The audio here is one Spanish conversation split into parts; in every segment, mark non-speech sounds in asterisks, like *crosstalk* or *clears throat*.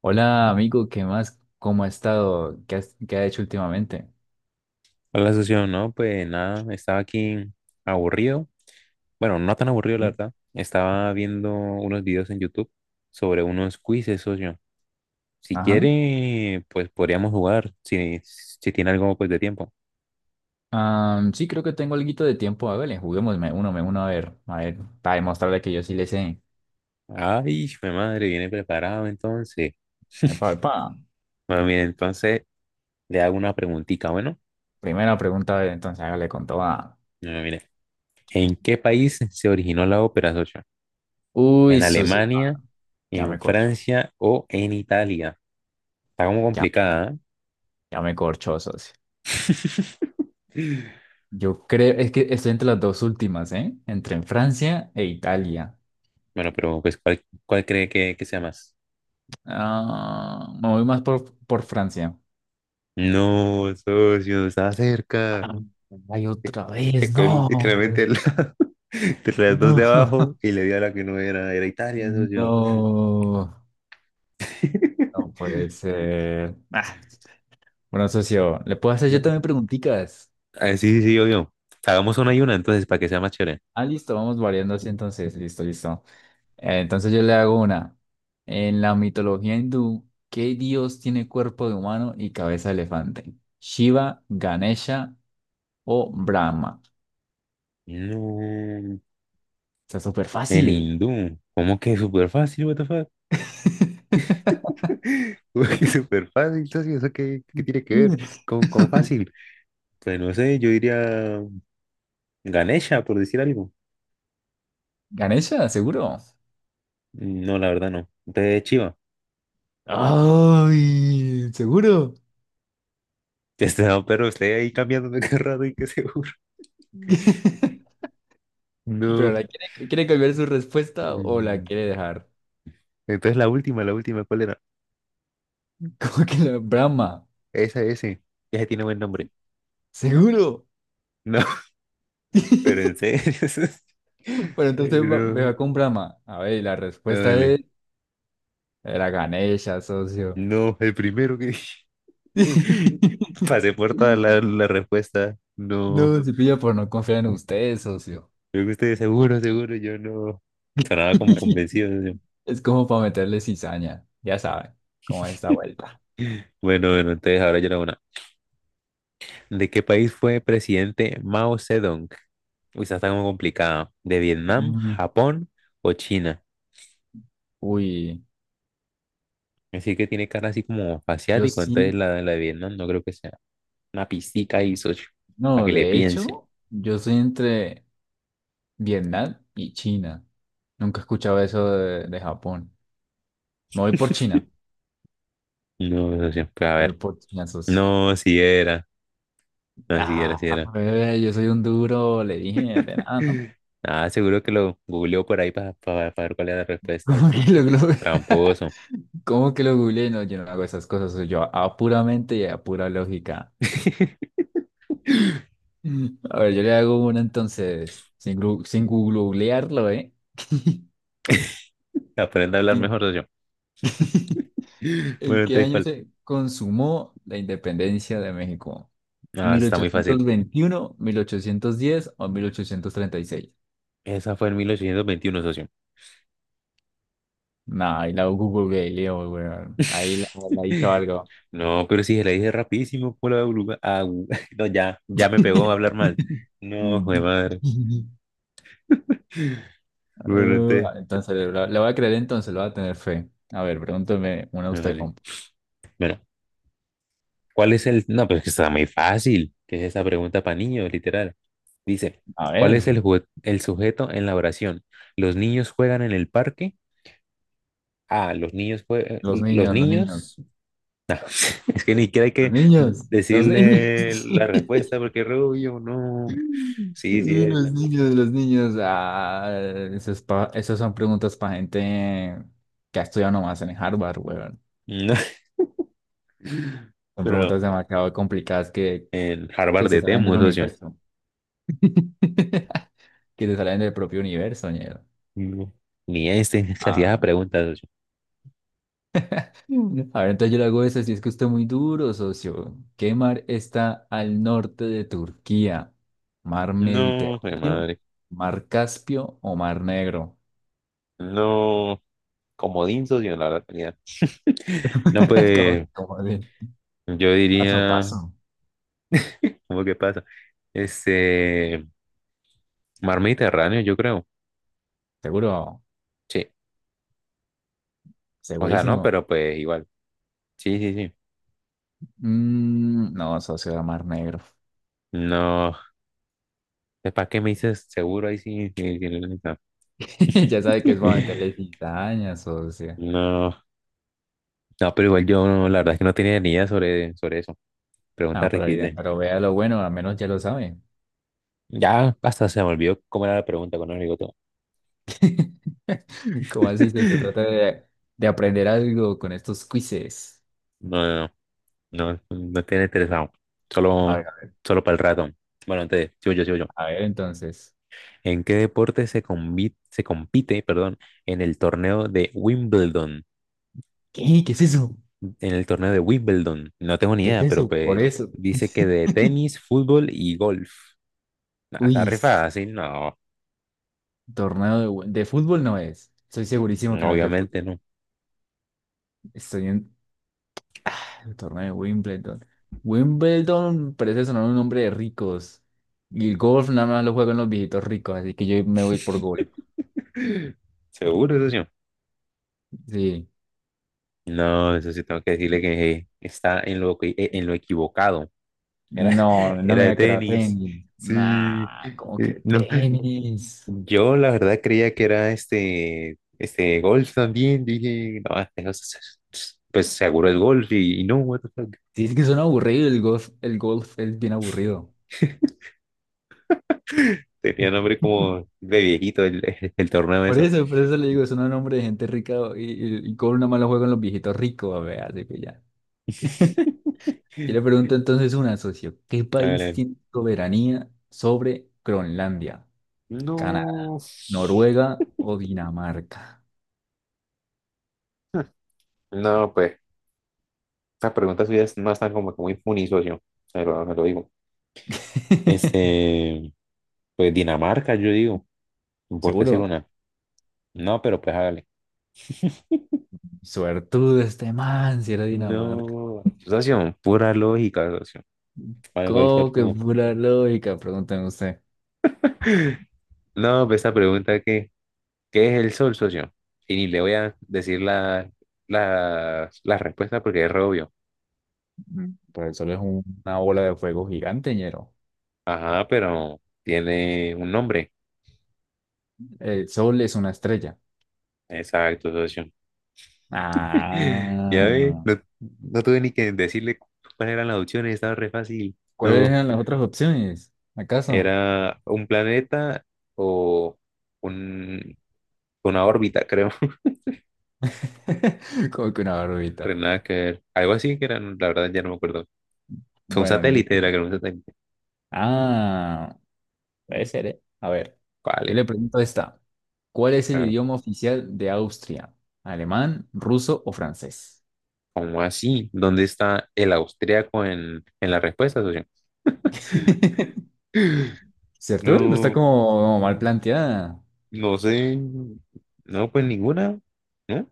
Hola, amigo, ¿qué más? ¿Cómo ha estado? ¿Qué ha hecho últimamente? Hola, socio. No, pues nada, estaba aquí aburrido. Bueno, no tan aburrido, la Bien. verdad. Estaba viendo unos videos en YouTube sobre unos quizzes, socio. Si Ajá. quiere, pues podríamos jugar, si tiene algo pues de tiempo. Ah, sí, creo que tengo alguito de tiempo. Hágale, juguemos, me uno a ver, para demostrarle que yo sí le sé. Ay, mi madre, viene preparado entonces. Epa, *laughs* epa. Bueno, mire, entonces le hago una preguntita, bueno. Primera pregunta, a ver, entonces hágale con toda. Bueno, mire, ¿en qué país se originó la ópera, socio? ¿En Uy, socio, Alemania, ya me en corcho, Francia o en Italia? Está como ya, me- complicada, ¿ah? ya me corcho, socio. *laughs* Yo creo, es que estoy entre las dos últimas, ¿eh? Entre en Francia e Italia. Bueno, pero pues, ¿cuál cree que sea más? Ah, me voy más por Francia. No, socio, estaba cerca. Ah, ay, otra vez, Es que él no. literalmente entre *laughs* las dos No, de abajo y le dio a la que no era, era Italia, *laughs* socio. no, no *laughs* puede ser. Ah, bueno, socio, ¿le puedo hacer yo No. también preguntitas? Ah, sí, sí, sí, obvio. Hagamos una y una entonces para que sea más chévere. Ah, listo, vamos variando así entonces. Listo, listo. Entonces yo le hago una. En la mitología hindú, ¿qué dios tiene cuerpo de humano y cabeza de elefante? ¿Shiva, Ganesha o Brahma? No, Está súper en fácil. hindú. ¿Cómo que súper fácil, what the fuck? *laughs* *laughs* ¿Cómo que súper fácil, entonces? ¿Eso qué tiene que ver con fácil? Pues no sé, yo diría Ganesha, por decir algo. ¿Ganesha? ¿Seguro? No, la verdad no. De Chiva. *laughs* ¡Ay! ¿Seguro? Este, no, pero estoy ahí cambiándome *laughs* cada rato y qué seguro. *laughs* *laughs* Pero No. la quiere cambiar su respuesta o la Mm, quiere dejar. Entonces la última, ¿cuál era? *laughs* ¿Como que la Brahma? Esa, ese ya tiene buen nombre. ¿Seguro? No, *laughs* pero en *laughs* serio. *laughs* Bueno, Ay, entonces me no. va con Brahma. A ver, y la respuesta de Dale. él era Ganesha, socio. No, el primero que dije. *laughs* *laughs* Pasé por toda la respuesta. No. No, se pilla por no confiar en ustedes, socio. Creo que ustedes seguro, seguro, yo no. Sonaba como convencido. *laughs* Yo. Es como para meterle cizaña. Ya saben cómo es esta vuelta. Bueno, bueno, entonces ahora yo era una. ¿De qué país fue presidente Mao Zedong? Uy, esa está como complicada. De Vietnam, Mm. Japón o China. Uy, Así que tiene cara así como yo asiático, entonces sí. la de Vietnam no creo que sea. Una pistica ahí, socio, para No, que le de piense. hecho, yo soy entre. Vietnam y China. Nunca he escuchado eso de Japón. Me voy por China. No, socio, pues a Me voy ver. por China, socio. No, si era. No, si era, Ah, si era. bebé, yo soy un duro, le dije, de nada, ¿no? *laughs* Ah, seguro que lo googleó por ahí para ver cuál era la *laughs* respuesta. ¿Cómo que lo googleé? Tramposo. *laughs* ¿Cómo que lo googleé? No, yo no hago esas cosas, soy yo a puramente y a pura lógica. *laughs* A ver, yo le hago una entonces, sin googlearlo, ¿eh? *laughs* Aprende a hablar Y- mejor, socio. *laughs* *laughs* Bueno, ¿En qué entonces, año ¿cuál? se consumó la independencia de México? Ah, ¿Mil esa mil está muy ochocientos fácil. veintiuno, 1810 o 1836? Esa fue en 1821, socio. Nah, ahí la Google Galileo, weón. Ahí la hizo *laughs* algo. No, pero si se la dije rapidísimo, por la oruga. Ah, *laughs* no, ya me pegó a hablar *laughs* mal. No, de madre. Bueno, Eh, entonces, entonces, le, le voy a creer entonces, le voy a tener fe. A ver, pregúntame una no, usted, vale. compa. Bueno, ¿cuál es el? No, pero es que está muy fácil, que es esa pregunta para niños, literal. Dice, A ¿cuál ver, es el sujeto en la oración? ¿Los niños juegan en el parque? Ah, los niños juegan. los ¿Los niños, los niños? niños, No, *laughs* es que ni siquiera hay los que niños, los niños. decirle la *laughs* respuesta porque Rubio, no. Sí, sí, Y es. los niños, los niños. Ah, esas son preguntas para gente que ha estudiado nomás en Harvard, weón. No, *laughs* Son pero preguntas demasiado complicadas que, en Harvard que se de salen Temu, del socio. universo. *laughs* Que se salen del propio universo, ñero. No, ni este *laughs* se hacía esa Ah. pregunta, socio. Mm. A ver, entonces yo le hago esa. Si es que usted es muy duro, socio. ¿Qué mar está al norte de Turquía? ¿Mar No, mi Mediterráneo, madre. Mar Caspio o Mar Negro? No, comodín, socio, la verdad, tenía. *laughs* No, *laughs* Como, pues como de yo paso a diría, paso. ¿cómo que pasa? Este, mar Mediterráneo, yo creo. ¿Seguro? Sí, o sea, no, ¿Segurísimo? pero pues igual. Sí, sí, sí. Mm, no, socio, de Mar Negro. No, ¿para qué me dices seguro ahí sí? Sí, sí, la neta. *laughs* Ya sabe que es para meterle *laughs* cizañas, socio. No, no, pero igual yo, no, la verdad es que no tenía ni idea sobre eso. Pregunta No, pero, requisita. bien, pero vea lo bueno, al menos ya lo sabe. Ya hasta se me olvidó cómo era la pregunta cuando me digo todo. *laughs* ¿Cómo así, socio? Trata *laughs* de aprender algo con estos quizzes. No, no, no, no tiene interesado. A Solo, ver, solo para el rato. Bueno, entonces, sigo yo, sigo yo. a ver, entonces. ¿En qué deporte se compite, perdón, en el torneo de Wimbledon? ¿Qué? ¿Qué es eso? En el torneo de Wimbledon. No tengo ni ¿Qué es idea, pero eso? Por pues eso. dice que de *laughs* tenis, fútbol y golf. Nah, está Uy, rifada sí no, torneo de fútbol no es. Estoy segurísimo que no es de obviamente fútbol. no. Estoy en el torneo de Wimbledon. Wimbledon parece sonar un nombre de ricos. Y el golf nada más lo juegan los viejitos ricos, así que yo me voy por golf. *clears throat* *laughs* Seguro, eso sí. Sí. No, eso sí tengo que decirle que está en lo, en lo equivocado. Era, No, *laughs* no era me voy de a quedar tenis. tenis. Sí. Nah, como que No, tenis. yo la verdad creía que era este golf también. Dije, no, este pues seguro es golf y no, what the fuck. Sí, es que suena aburrido el golf. El golf es bien aburrido. *laughs* Tenía nombre como de viejito el torneo ese. Por eso le digo, suena un nombre de gente rica y golf nada más lo juegan los viejitos ricos, a ver, así que ya. *laughs* *laughs* Yo le pregunto entonces una, socio, ¿qué país Hágale. tiene soberanía sobre Groenlandia? Canadá, No. Noruega o Dinamarca. Hmm. No, pues, esta pregunta suya no están como que muy funny, socio. Se lo digo. *laughs* Este, pues Dinamarca, yo digo, por decir Seguro, una. No, pero pues hágale. suertudo este man si era Dinamarca. No. Socio, pura lógica, socio. ¿Cuál fue ¿Cómo que tu-? pura lógica? Pregúnteme usted. No, pues esta pregunta que, ¿qué es el sol, socio? Y ni le voy a decir la respuesta porque es re obvio. Mm. Pues el sol es una bola de fuego gigante, ñero. Ajá, pero tiene un nombre. El sol es una estrella. Exacto, socio. *laughs* Ya ve, Ah, no, no tuve ni que decirle cuáles eran las opciones, estaba re fácil. ¿cuáles No, eran las otras opciones? ¿Acaso? era un planeta o un, una órbita, creo. *laughs* *laughs* Como que una Re barbita. nada que ver. Algo así que era, la verdad ya no me acuerdo. Un Bueno, satélite era, creo, un satélite. ah, puede ser, ¿eh? A ver, yo Vale. le pregunto esta. ¿Cuál es el idioma oficial de Austria? ¿Alemán, ruso o francés? ¿Cómo así? ¿Dónde está el austríaco en la respuesta, socio? *laughs* *gasps* ¿Cierto? No está No, como mal planteada. no sé. No, pues ninguna, ¿no?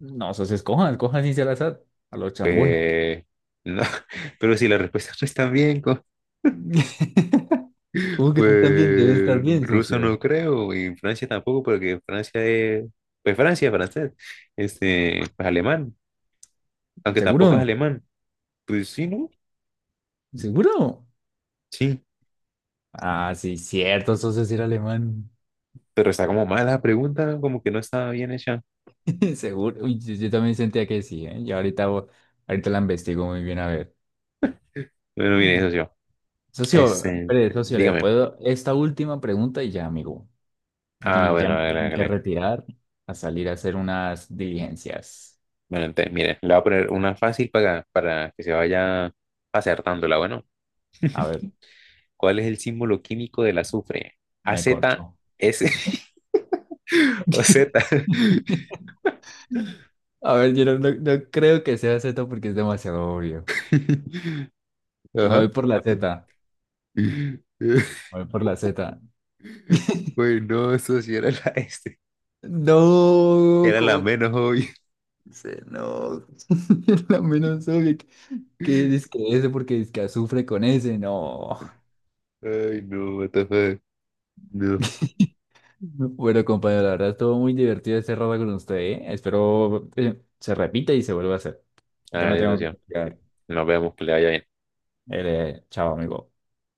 No, eso se escoja, escoja sin ser azar, a lo chambón. Pues, no. *laughs* Pero si las respuestas no están bien, co- *laughs* ¿Cómo que no están bien? Deben estar pues bien, ruso socio. no creo, y Francia tampoco, porque Francia es, pues Francia, francés, este, pues alemán, aunque tampoco es ¿Seguro? alemán, pues sí, ¿no? ¿Seguro? Sí, Ah, sí, cierto, eso es decir alemán. pero está como mala la pregunta, como que no estaba bien hecha. *laughs* Seguro. Uy, yo también sentía que sí, ¿eh? Y ahorita, ahorita la investigo muy bien, a ver. Bueno, mire, eso yo, Socio, este, espere, socio, le dígame. puedo esta última pregunta y ya, amigo. Ah, Y ya bueno, me hágale, tengo que hágale. retirar a salir a hacer unas diligencias. Bueno, entonces, mire, le voy a poner una fácil para que se vaya acertándola. Bueno, A ver, ¿cuál es el símbolo químico del azufre? A me corcho. Z S *laughs* o Z. *laughs* A ver, yo no, no creo que sea Z porque es demasiado obvio. *laughs* Y me voy Ajá. por la Z. *laughs* Me voy por la Z. *laughs* Bueno, eso sí era la este. No, Era la menos obvia. No. *laughs* La menos obvia que dice que ese porque dice que azufre con ese, no. Ay, no, what the fuck. No. *laughs* Bueno, compañero, la verdad estuvo muy divertido este rato con usted, ¿eh? Espero se repita y se vuelva a hacer. Ya me Hágale, tengo socio. que quedar. Nos vemos, que le vaya bien. Chao, amigo.